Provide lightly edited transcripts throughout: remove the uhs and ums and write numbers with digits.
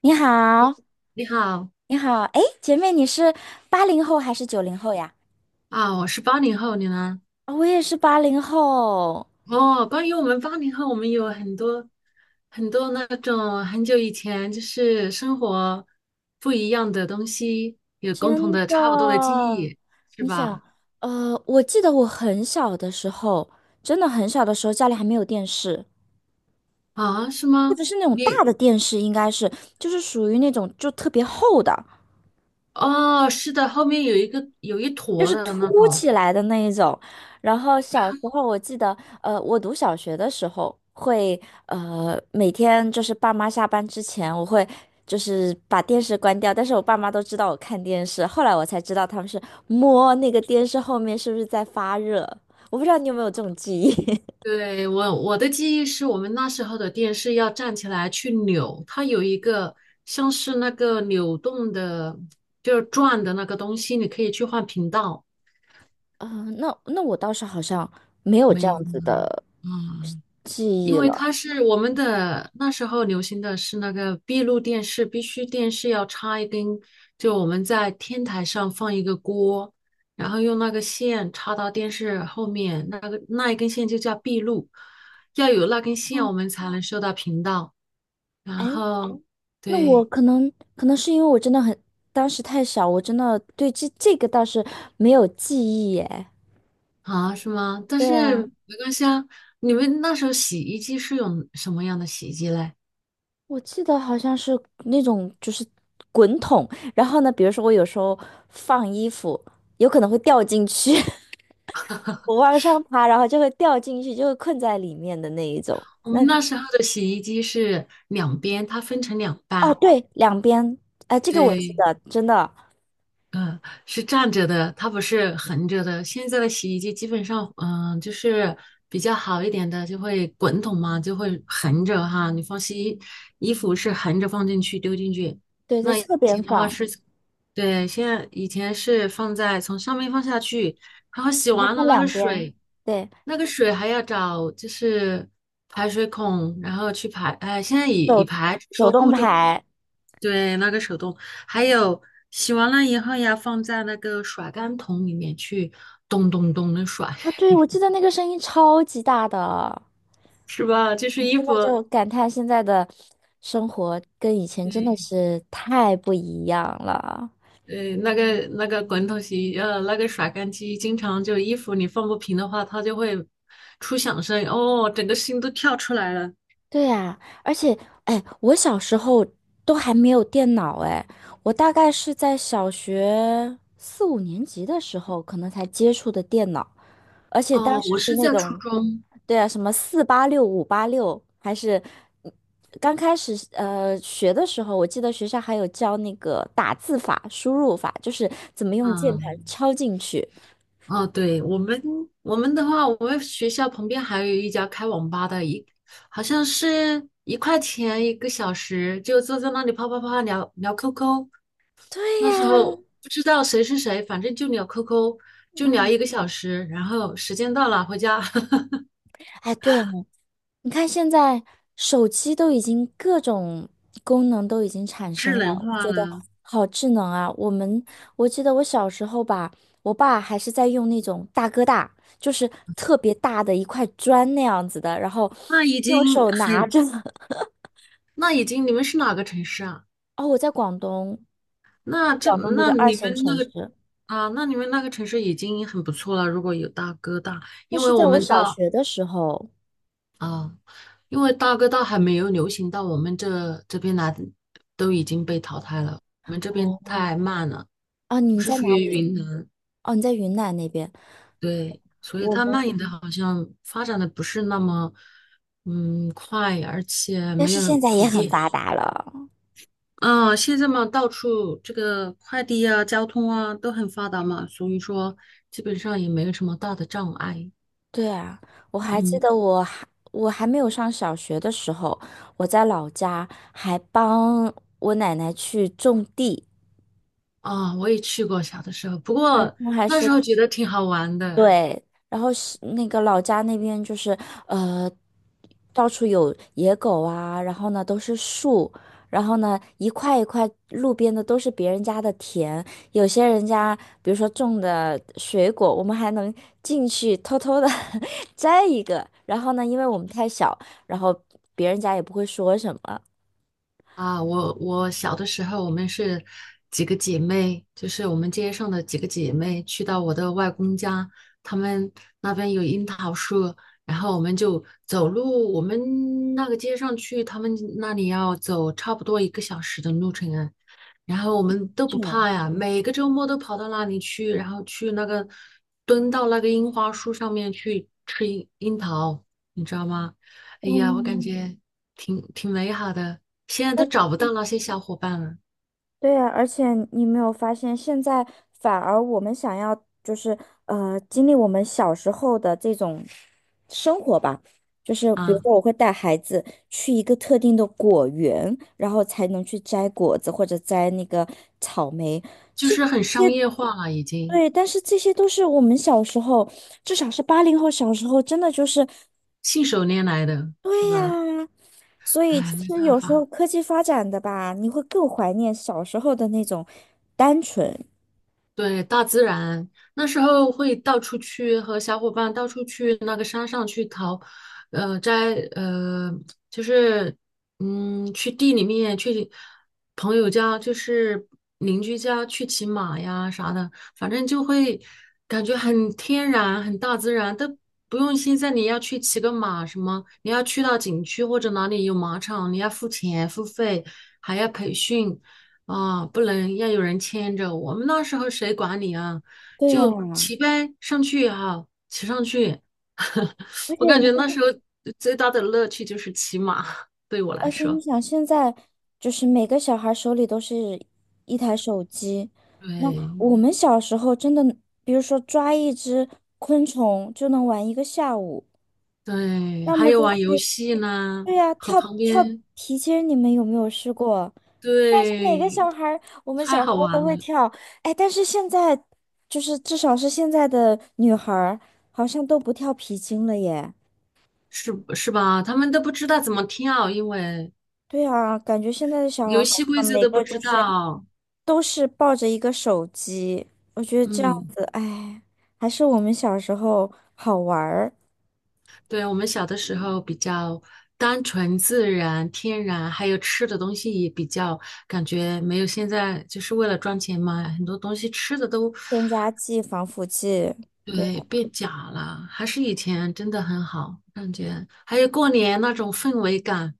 你好，你好你好，哎，姐妹，你是八零后还是九零后呀？啊，我是八零后，你呢？啊，我也是八零后，哦，关于我们八零后，我们有很多那种很久以前就是生活不一样的东西，有共同真的差不多的记的。忆，是你想，吧？我记得我很小的时候，真的很小的时候，家里还没有电视，啊，是或吗？者是那种大你的电视，应该是就是属于那种就特别厚的，哦，是的，后面有一个有一就坨是的凸那种，起来的那一种。然后小时候我记得，我读小学的时候会，每天就是爸妈下班之前，我会就是把电视关掉，但是我爸妈都知道我看电视，后来我才知道他们是摸那个电视后面是不是在发热。我不知道你有没有这种记忆。对，我的记忆是我们那时候的电视要站起来去扭，它有一个像是那个扭动的，就是转的那个东西，你可以去换频道。啊、那我倒是好像没有这没有吗？样子的嗯，记因忆为了。它是我们的那时候流行的是那个闭路电视，必须电视要插一根，就我们在天台上放一个锅，然后用那个线插到电视后面，那一根线就叫闭路，要有那根线我哦，们才能收到频道。哎，然后那我对可能是因为我真的很，当时太小，我真的对这个倒是没有记忆耶。啊，是吗？但对是啊，没关系啊。你们那时候洗衣机是用什么样的洗衣机嘞？我记得好像是那种就是滚筒，然后呢，比如说我有时候放衣服，有可能会掉进去，我往上爬，然后就会掉进去，就会困在里面的那一种。我那们那时候的洗衣机是两边，它分成两哦，半，对，两边，哎，这个我记对，得，真的，嗯，是站着的，它不是横着的。现在的洗衣机基本上，就是比较好一点的，就会滚筒嘛，就会横着哈。你放洗衣服是横着放进去丢进去，对，在那以侧边前的话放，是，对，现在以前是放在从上面放下去，然后洗然后完分了那个两边，水，对，那个水还要找就是排水孔，然后去排。哎，现在以手排是手说动固定。排。对，那个手动，还有洗完了以后要放在那个甩干桶里面去咚咚咚的甩，啊，对，我记得那个声音超级大的，是吧？就是衣现在服，就感叹现在的生活跟以前真的是太不一样了。对，那个滚筒洗，那个甩干机，经常就衣服你放不平的话，它就会出响声，哦，整个心都跳出来了。对呀，而且，哎，我小时候都还没有电脑，哎，我大概是在小学四五年级的时候，可能才接触的电脑。而且当哦，时我是是那在初种，中，对啊，什么四八六、五八六，还是嗯刚开始学的时候，我记得学校还有教那个打字法、输入法，就是怎么用键盘嗯，敲进去。哦，对，我们的话，我们学校旁边还有一家开网吧的，好像是一块钱一个小时，就坐在那里啪啪啪聊聊 QQ。对那时呀，候不知道谁是谁，反正就聊 QQ，就聊嗯，一个小时，然后时间到了回家，哎，对呀你看现在手机都已经各种功能都已经产生智了，能我觉化得了。好智能啊！我记得我小时候吧，我爸还是在用那种大哥大，就是特别大的一块砖那样子的，然后那已用经手拿很，着。那已经你们是哪个城市啊？哦，我在广东，那这广东的一那个二你线们那城个市，啊，那你们那个城市已经很不错了，如果有大哥大。那因为是在我我们小到学的时候。啊，因为大哥大还没有流行到我们这边来，都已经被淘汰了。我们这边哦，太慢了，啊，你我们是在属哪于里？云南，哦，你在云南那边。对，所以我它蔓延的们，好像发展的不是那么快，而且但没是有现在普也很遍。发达了。啊，现在嘛，到处这个快递啊、交通啊都很发达嘛，所以说基本上也没有什么大的障碍。对啊，我还记嗯，得我还没有上小学的时候，我在老家还帮我奶奶去种地，啊，我也去过小的时候，不嗯过我还那时是候觉得挺好玩的。对，然后是那个老家那边就是呃，到处有野狗啊，然后呢都是树，然后呢一块一块路边的都是别人家的田，有些人家比如说种的水果，我们还能进去偷偷的 摘一个，然后呢，因为我们太小，然后别人家也不会说什么。啊，我小的时候，我们是几个姐妹，就是我们街上的几个姐妹，去到我的外公家，他们那边有樱桃树，然后我们就走路，我们那个街上去他们那里要走差不多一个小时的路程啊，然后我们都不这样，怕呀，每个周末都跑到那里去，然后去那个蹲到那个樱花树上面去吃樱桃，你知道吗？哎呀，我感嗯，觉挺美好的，现在都找不到那些小伙伴了对呀，而且你没有发现，现在反而我们想要就是经历我们小时候的这种生活吧，就是比如啊，说我会带孩子去一个特定的果园，然后才能去摘果子或者摘那个草莓，就其是实很这商些业化了，已经对，但是这些都是我们小时候，至少是八零后小时候，真的就是信手拈来的对是吧？呀，所以哎，其没实办有时候法。科技发展的吧，你会更怀念小时候的那种单纯。对，大自然，那时候会到处去和小伙伴到处去那个山上去淘，呃，摘呃，就是去地里面去朋友家，就是邻居家去骑马呀啥的，反正就会感觉很天然、很大自然，都不用现在你要去骑个马什么，你要去到景区或者哪里有马场，你要付钱付费，还要培训。啊，不能要有人牵着。我们那时候谁管你啊？对就啊，骑呗，上去啊，骑上去。而我且感觉那你时候最大的乐趣就是骑马，对我来而且你说。想，现在就是每个小孩手里都是一台手机，那对我们小时候真的，比如说抓一只昆虫就能玩一个下午，对，要还么有就玩游去，戏呢，对呀、和跳旁跳边，皮筋，你们有没有试过？但是哪个小对，孩儿我们小太时好候都玩会了，跳，哎，但是现在就是至少是现在的女孩儿，好像都不跳皮筋了耶。是吧？他们都不知道怎么跳，因为对啊，感觉现在的小孩游儿好戏规像则每都不个就知是道。都是抱着一个手机，我觉得这样嗯。子，哎，还是我们小时候好玩儿，对，我们小的时候比较单纯、自然、天然，还有吃的东西也比较感觉没有现在就是为了赚钱嘛，很多东西吃的都添加剂、防腐剂。对。对变假了，还是以前真的很好，感觉还有过年那种氛围感，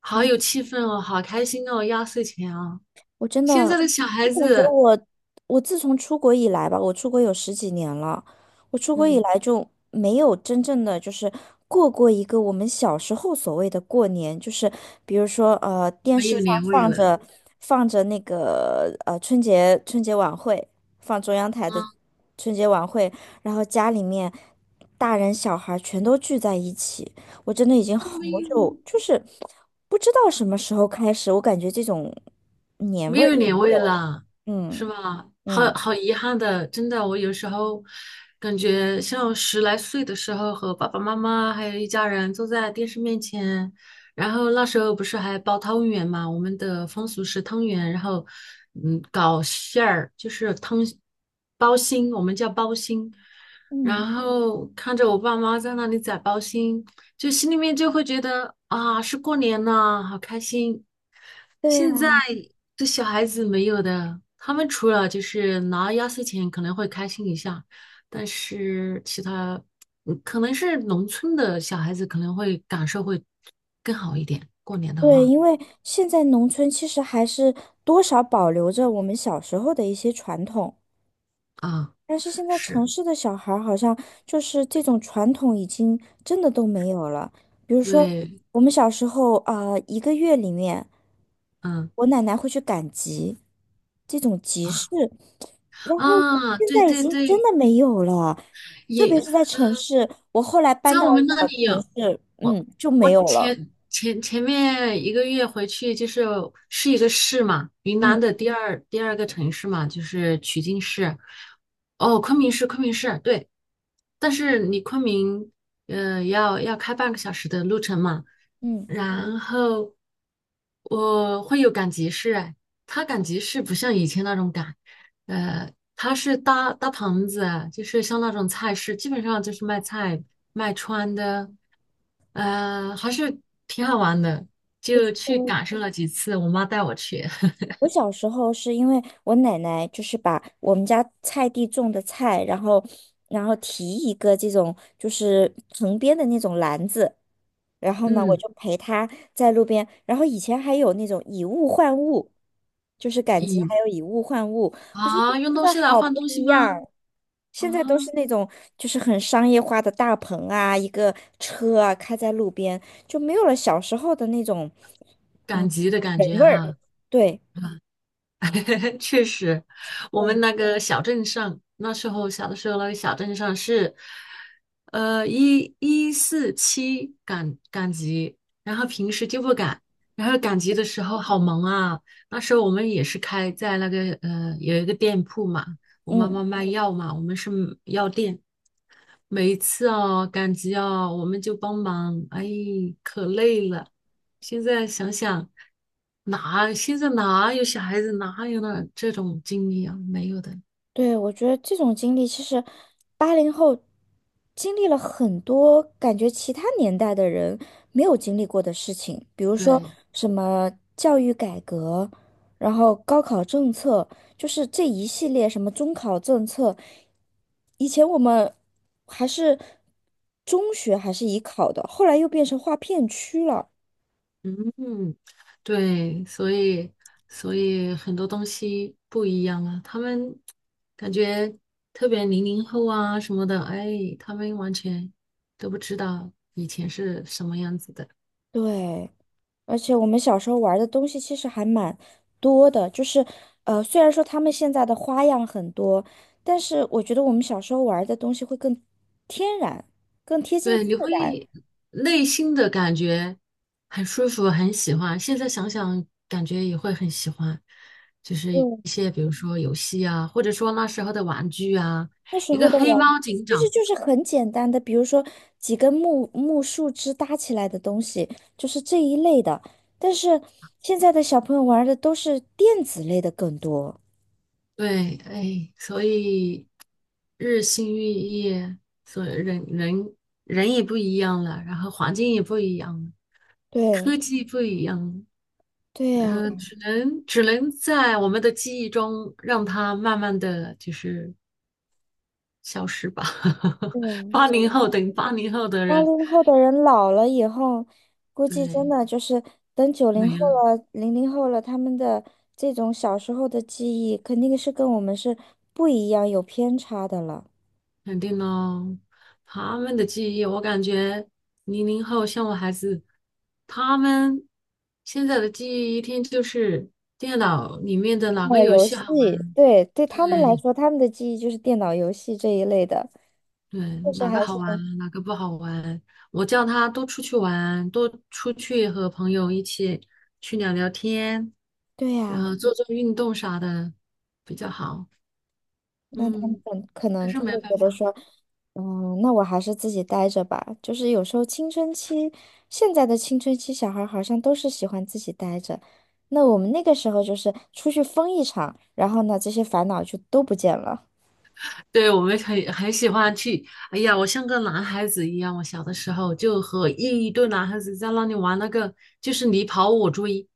好有气氛哦，好开心哦，压岁钱哦，我真的，现在的小我孩感觉子，我，我自从出国以来吧，我出国有十几年了，我出国以嗯，来就没有真正的就是过过一个我们小时候所谓的过年，就是比如说电没视有上年味放了，着放着那个春节晚会，放中央台的啊，春节晚会，然后家里面大人小孩全都聚在一起。我真的已经都好没有，久，就是不知道什么时候开始，我感觉这种年没味儿，有年味了，嗯是吧？好嗯，好遗憾的，真的，我有时候感觉像十来岁的时候，和爸爸妈妈还有一家人坐在电视面前，然后那时候不是还包汤圆嘛，我们的风俗是汤圆，然后搞馅儿，就是汤包心，我们叫包心，然后看着我爸妈在那里宰包心，就心里面就会觉得啊，是过年了，好开心。对现在呀，这小孩子没有的，他们除了就是拿压岁钱可能会开心一下，但是其他，可能是农村的小孩子可能会感受会更好一点。过年的对，话，因为现在农村其实还是多少保留着我们小时候的一些传统。啊，但是现在城是，市的小孩儿好像就是这种传统已经真的都没有了。比如说，对，我们小时候啊、一个月里面，嗯，我奶奶会去赶集，这种集市，啊然后啊，现对在已对经真对，的没有了。特别也。是在城市，我后来搬在到我们那了里城有，市，我就没有了。前面一个月回去就是是一个市嘛，云南嗯的第二个城市嘛，就是曲靖市。哦，昆明市，对。但是你昆明，要开半个小时的路程嘛。嗯。然后我会有赶集市，哎，它赶集市不像以前那种赶，呃，他是搭棚子啊，就是像那种菜市，基本上就是卖菜、卖穿的，还是挺好玩的，就去感受了几次。我妈带我去，我小时候是因为我奶奶就是把我们家菜地种的菜，然后提一个这种就是藤编的那种篮子，然后呢我嗯，就陪她在路边，然后以前还有那种以物换物，就是赶集以还有以物换物，我觉得真啊，用东的西来好换不东一西样吗？儿啊，现在都是那种就是很商业化的大棚啊，一个车啊开在路边，就没有了小时候的那种赶集的感人觉味儿。哈，对，确实，我们对，那个小镇上，那时候小的时候，那个小镇上是，四七赶集，然后平时就不赶，然后赶集的时候好忙啊。那时候我们也是开在那个有一个店铺嘛，我妈嗯。妈卖药嘛，我们是药店。每一次哦赶集哦，我们就帮忙，哎，可累了。现在想想，哪现在哪有小孩子哪有那这种经历啊？没有的。对，我觉得这种经历其实八零后经历了很多感觉其他年代的人没有经历过的事情，比如说对，什么教育改革，然后高考政策，就是这一系列什么中考政策，以前我们还是中学还是以考的，后来又变成划片区了。嗯，对，所以很多东西不一样啊。他们感觉特别零零后啊什么的，哎，他们完全都不知道以前是什么样子的。对，而且我们小时候玩的东西其实还蛮多的，就是，虽然说他们现在的花样很多，但是我觉得我们小时候玩的东西会更天然，更贴近对，自你然。会内心的感觉很舒服，很喜欢。现在想想，感觉也会很喜欢，就是一嗯，些比如说游戏啊，或者说那时候的玩具啊，那时一候个的黑玩，猫警其实长。就是很简单的，比如说几根树枝搭起来的东西，就是这一类的。但是现在的小朋友玩的都是电子类的更多。对，哎，所以日新月异，所以人也不一样了，然后环境也不一样了，对，科技不一样了，对呀，只能在我们的记忆中让它慢慢的就是。消失吧。对 八呀。零后等于八零后的八人，零后的人老了以后，估计真对，的就是等九零后没了，了、零零后了，他们的这种小时候的记忆，肯定是跟我们是不一样，有偏差的了。肯定喽。他们的记忆，我感觉零零后像我孩子，他们现在的记忆一天就是电脑里面的哪个打游游戏好戏，玩，对，对他们来对说，他们的记忆就是电脑游戏这一类的，对，确实哪个还好是，玩，哪个不好玩。我叫他多出去玩，多出去和朋友一起去聊聊天，对然呀、后做做运动啥的比较好。那他们嗯。可可可能是就没会办觉得法，说，那我还是自己待着吧。就是有时候青春期，现在的青春期小孩儿好像都是喜欢自己待着。那我们那个时候就是出去疯一场，然后呢，这些烦恼就都不见了。对，我们很喜欢去。哎呀，我像个男孩子一样，我小的时候就和一堆男孩子在那里玩那个，就是你跑我追，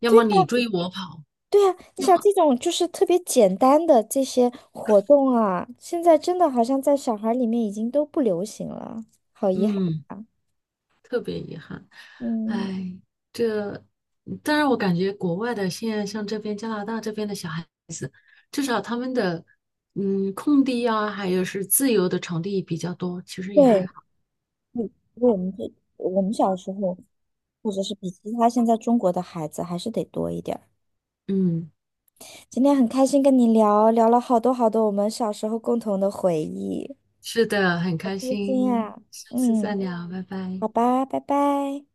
要么对你追我跑，对啊，你要想么这种就是特别简单的这些活动啊，现在真的好像在小孩儿里面已经都不流行了，好遗憾。嗯，特别遗憾。嗯，哎，这，但是我感觉国外的现在像这边加拿大这边的小孩，至少他们的空地啊，还有是自由的场地比较多，其实也还对。好。因为我们小时候，或者是比其他现在中国的孩子还是得多一点儿。嗯，今天很开心跟你聊，聊了好多好多我们小时候共同的回忆，是的，很好开开心心，呀！下次再嗯，聊，拜拜。好吧，拜拜。